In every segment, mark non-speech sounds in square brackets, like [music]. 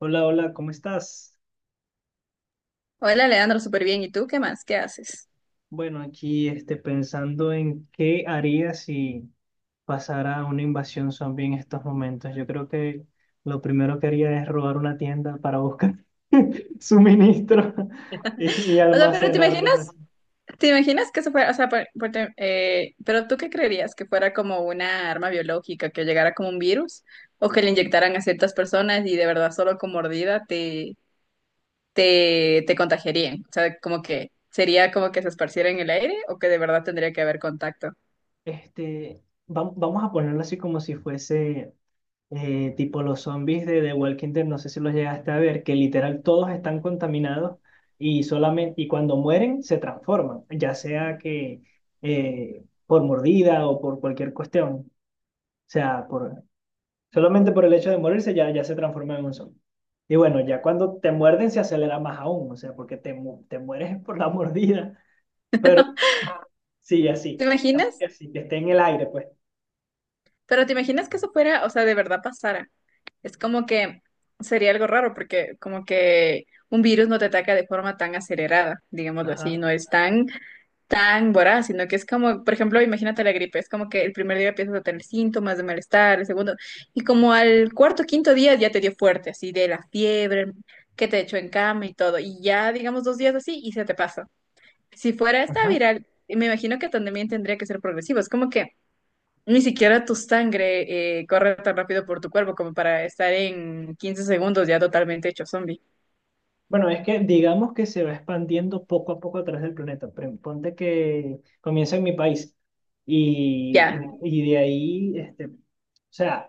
Hola, hola, ¿cómo estás? Hola, Leandro, súper bien. ¿Y tú qué más? ¿Qué haces? Bueno, aquí pensando en qué haría si pasara una invasión zombie en estos momentos. Yo creo que lo primero que haría es robar una tienda para buscar [laughs] suministros y O sea, pero almacenarlos así. te imaginas que eso fuera, o sea, pero tú qué creerías? ¿Que fuera como una arma biológica, que llegara como un virus? ¿O que le inyectaran a ciertas personas y de verdad solo con mordida te, te contagiarían? O sea, como que sería como que se esparciera en el aire o que de verdad tendría que haber contacto. Vamos a ponerlo así como si fuese tipo los zombies de The Walking Dead, no sé si los llegaste a ver, que literal todos están contaminados y solamente y cuando mueren se transforman, ya sea que por mordida o por cualquier cuestión, o sea, por, solamente por el hecho de morirse ya se transforman en un zombie. Y bueno, ya cuando te muerden se acelera más aún, o sea, porque te mueres [laughs] por la mordida, pero sí, ¿Te así, digamos imaginas? que así, que esté en el aire, pues. Pero ¿te imaginas que eso fuera, o sea, de verdad pasara? Es como que sería algo raro porque como que un virus no te ataca de forma tan acelerada, digámoslo así, Ajá, no es tan, tan voraz, sino que es como, por ejemplo, imagínate la gripe, es como que el primer día empiezas a tener síntomas de malestar, el segundo, y como al cuarto, quinto día ya te dio fuerte, así de la fiebre, que te echó en cama y todo, y ya digamos dos días así y se te pasa. Si fuera esta ajá. viral, me imagino que también tendría que ser progresivo, es como que... Ni siquiera tu sangre corre tan rápido por tu cuerpo como para estar en 15 segundos ya totalmente hecho zombie. Bueno, es que digamos que se va expandiendo poco a poco a través del planeta. Ponte que comienza en mi país y, Ya, y de ahí, o sea,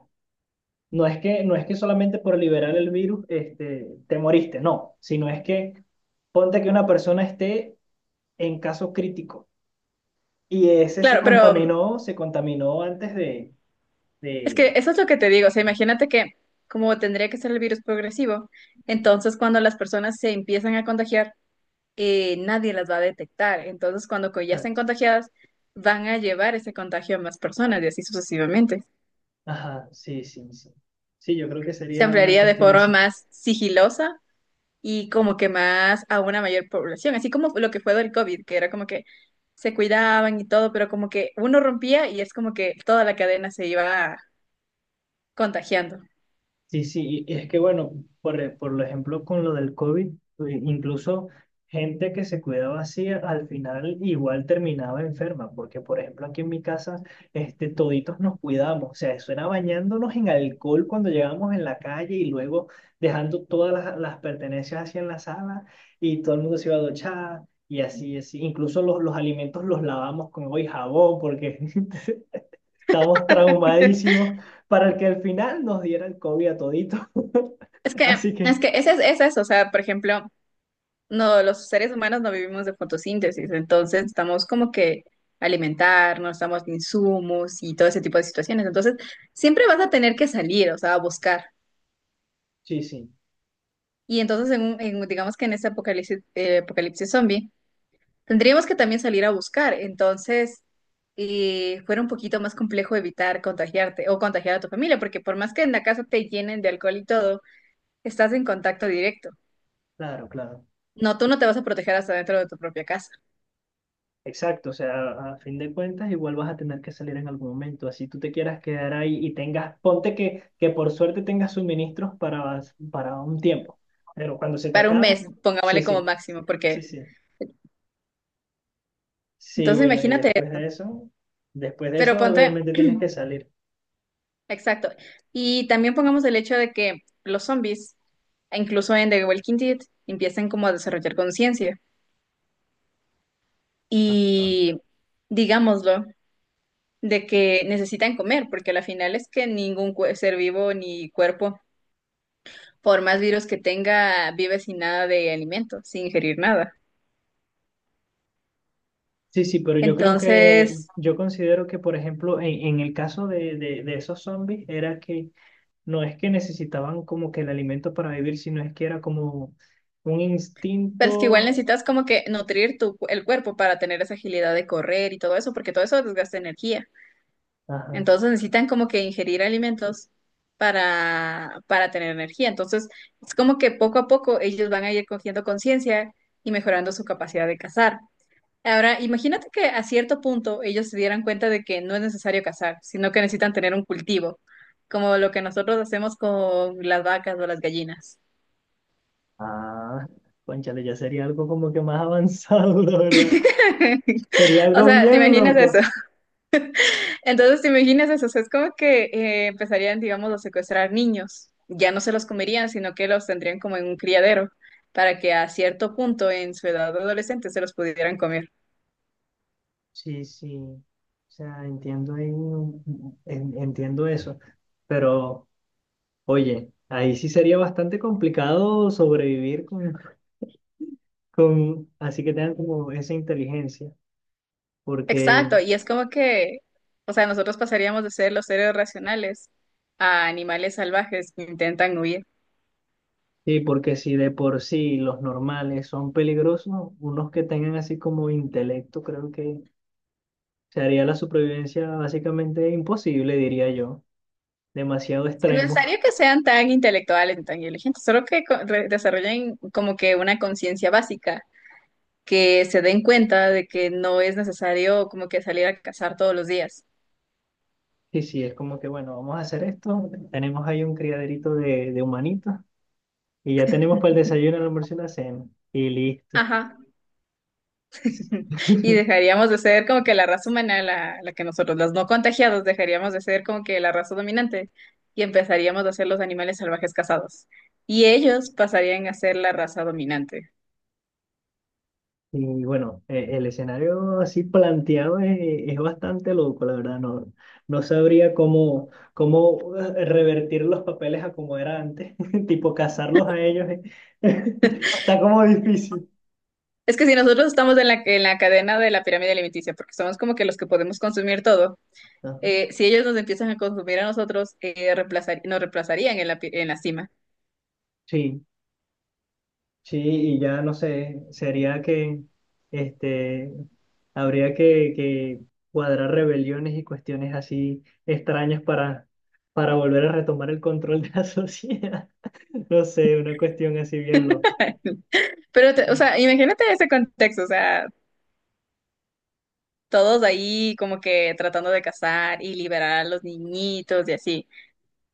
no es que solamente por liberar el virus este, te moriste, no, sino es que ponte que una persona esté en caso crítico y ese claro, pero se contaminó antes es de... que eso es lo que te digo. O sea, imagínate que como tendría que ser el virus progresivo, entonces cuando las personas se empiezan a contagiar, nadie las va a detectar. Entonces ya estén Exacto. contagiadas, van a llevar ese contagio a más personas y así sucesivamente. Ajá, sí, sí, sí. Sí, yo creo que Se sería una ampliaría de cuestión forma así. más sigilosa y como que más a una mayor población, así como lo que fue del COVID, que era como que se cuidaban y todo, pero como que uno rompía y es como que toda la cadena se iba contagiando. Sí, sí, y es que bueno, por lo ejemplo con lo del COVID, incluso gente que se cuidaba así al final igual terminaba enferma, porque por ejemplo aquí en mi casa, toditos nos cuidamos, o sea, eso era bañándonos en alcohol cuando llegábamos en la calle y luego dejando todas las pertenencias así en la sala y todo el mundo se iba a duchar y así, así, incluso los alimentos los lavamos con agua y jabón porque [laughs] estábamos [laughs] traumadísimos para el que al final nos diera el COVID a todito. Es [laughs] que, Así es que que ese es eso, o sea, por ejemplo, no, los seres humanos no vivimos de fotosíntesis, entonces estamos como que alimentarnos, estamos de insumos y todo ese tipo de situaciones, entonces siempre vas a tener que salir, o sea, a buscar. sí, sí, Y entonces, digamos que en ese apocalipsis, apocalipsis zombie, tendríamos que también salir a buscar, entonces fuera un poquito más complejo evitar contagiarte o contagiar a tu familia, porque por más que en la casa te llenen de alcohol y todo, estás en contacto directo. claro, claro. No, tú no te vas a proteger hasta dentro de tu propia casa. Exacto, o sea, a fin de cuentas igual vas a tener que salir en algún momento, así tú te quieras quedar ahí y tengas, ponte que por suerte tengas suministros para un tiempo, pero cuando se te Para un acabe, mes, sí, pongámosle como sí, máximo, porque sí, sí, sí, entonces bueno, y imagínate eso. Después de Pero eso ponte, obviamente tienes que salir. exacto. Y también pongamos el hecho de que los zombies, incluso en The Walking Dead, empiezan como a desarrollar conciencia. Ah. Y digámoslo, de que necesitan comer, porque la final es que ser vivo ni cuerpo, por más virus que tenga, vive sin nada de alimento, sin ingerir nada. Sí, sí, pero yo creo que, Entonces, yo considero que, por ejemplo, en el caso de esos zombies, era que no es que necesitaban como que el alimento para vivir, sino es que era como un pero es que igual instinto. necesitas como que nutrir el cuerpo para tener esa agilidad de correr y todo eso, porque todo eso desgasta energía. Ajá. Entonces necesitan como que ingerir alimentos para tener energía. Entonces, es como que poco a poco ellos van a ir cogiendo conciencia y mejorando su capacidad de cazar. Ahora, imagínate que a cierto punto ellos se dieran cuenta de que no es necesario cazar, sino que necesitan tener un cultivo, como lo que nosotros hacemos con las vacas o las gallinas. Ah, cónchale, ya sería algo como que más avanzado, [laughs] la verdad. Sería [laughs] O algo sea, ¿te bien imaginas eso? loco. Entonces, ¿te imaginas eso? O sea, es como que empezarían, digamos, a secuestrar niños. Ya no se los comerían, sino que los tendrían como en un criadero, para que a cierto punto en su edad adolescente se los pudieran comer. Sí, sí. O sea, entiendo ahí entiendo eso. Pero, oye, ahí sí sería bastante complicado sobrevivir con, así que tengan como esa inteligencia, porque Exacto, y es como que, o sea, nosotros pasaríamos de ser los seres racionales a animales salvajes que intentan huir. sí, porque si de por sí los normales son peligrosos, unos que tengan así como intelecto, creo que se haría la supervivencia básicamente imposible, diría yo, demasiado Es que no es extremo. [laughs] necesario que sean tan intelectuales ni tan inteligentes, solo que desarrollen como que una conciencia básica, que se den cuenta de que no es necesario como que salir a cazar todos los días. Y sí, es como que bueno, vamos a hacer esto, tenemos ahí un criaderito de humanitos y ya tenemos para el desayuno, [laughs] el almuerzo y la cena, y listo. Ajá. [laughs] Y [laughs] dejaríamos de ser como que la raza humana, la que nosotros, los no contagiados, dejaríamos de ser como que la raza dominante y empezaríamos a ser los animales salvajes cazados. Y ellos pasarían a ser la raza dominante. Y bueno, el escenario así planteado es bastante loco, la verdad. No, no sabría cómo, cómo revertir los papeles a como era antes, [laughs] tipo casarlos a ellos. [laughs] Está como difícil. Es que si nosotros estamos en la cadena de la pirámide alimenticia, porque somos como que los que podemos consumir todo, Ajá. Si ellos nos empiezan a consumir a nosotros, nos reemplazarían en la, en la cima. Sí, sí, y ya no sé, sería que este, habría que cuadrar rebeliones y cuestiones así extrañas para volver a retomar el control de la [laughs] sociedad. No sé, una cuestión así bien loca. [laughs] Pero, o Más sea, imagínate ese contexto, o sea, todos ahí como que tratando de cazar y liberar a los niñitos y así.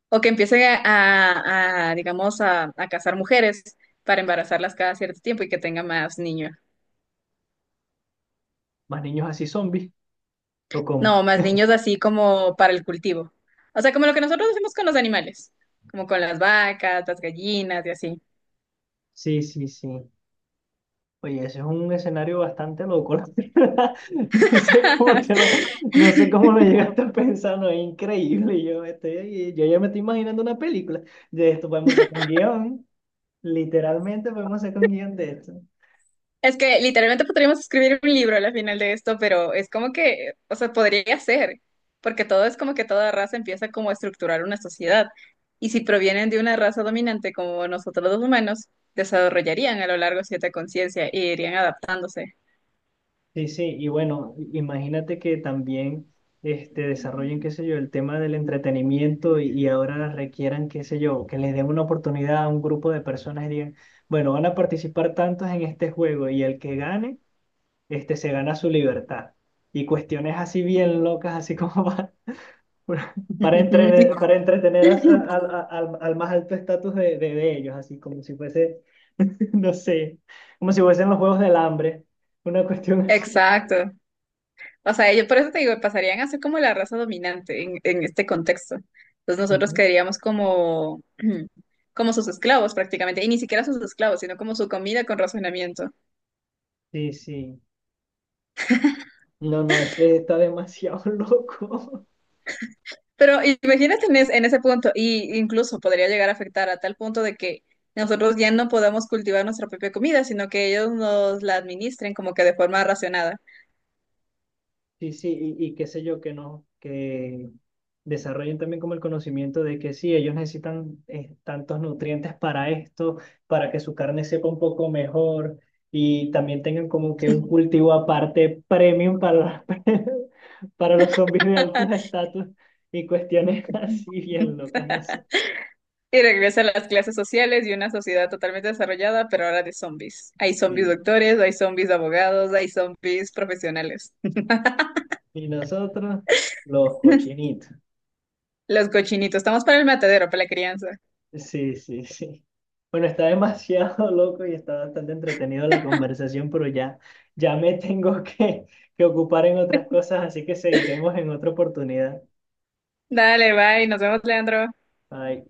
O que empiecen a, digamos, a cazar mujeres para embarazarlas cada cierto tiempo y que tenga más niños. niños así zombies, ¿o cómo? No, más niños así como para el cultivo. O sea, como lo que nosotros hacemos con los animales, como con las vacas, las gallinas y así. Sí, sí, sí. Oye, ese es un escenario bastante loco, la verdad. [laughs] No sé cómo te lo, no sé cómo lo llegaste a pensar, no, es increíble. Yo, me estoy, yo ya me estoy imaginando una película de esto. Podemos sacar un guión, literalmente podemos sacar un guión de esto. Es que literalmente podríamos escribir un libro al final de esto, pero es como que, o sea, podría ser, porque todo es como que toda raza empieza como a estructurar una sociedad. Y si provienen de una raza dominante como nosotros los humanos, desarrollarían a lo largo cierta conciencia y irían adaptándose. Sí, sí, y bueno, imagínate que también desarrollen, qué sé yo, el tema del entretenimiento y ahora requieran, qué sé yo, que les den una oportunidad a un grupo de personas y digan, bueno, van a participar tantos en este juego y el que gane, se gana su libertad. Y cuestiones así bien locas, así como [laughs] para, para [laughs] entretener al más alto estatus de, de ellos, así como si fuese, [laughs] no sé, como si fuesen los juegos del hambre, una cuestión así. Exacto. O sea, yo por eso te digo, pasarían a ser como la raza dominante en este contexto. Entonces nosotros quedaríamos como, [clears throat] como sus esclavos prácticamente, y ni siquiera sus esclavos, sino como su comida con razonamiento. Sí, sí. No, no, es que está demasiado [laughs] loco. Pero imagínate en, en ese punto, y incluso podría llegar a afectar a tal punto de que nosotros ya no podamos cultivar nuestra propia comida, sino que ellos nos la administren como que de forma racionada. Sí, sí, y qué sé yo, que no, que desarrollen también como el conocimiento de que sí, ellos necesitan tantos nutrientes para esto, para que su carne sepa un poco mejor y también tengan como que un cultivo aparte premium para, [laughs] para los zombies de alto estatus y cuestiones [laughs] así bien [laughs] locas, no sé. Y regresa a las clases sociales y una sociedad totalmente desarrollada, pero ahora de zombies. Hay zombies Sí. doctores, hay zombies abogados, hay zombies profesionales. Y nosotros, los [laughs] cochinitos. Los cochinitos, estamos para el matadero, para la crianza. Sí, sí, sí. Bueno, está demasiado [laughs] loco y está bastante entretenido la conversación, pero ya, ya me [laughs] tengo que ocupar en otras [laughs] cosas, así que seguiremos en otra oportunidad. Dale, bye, nos vemos, Leandro. Bye.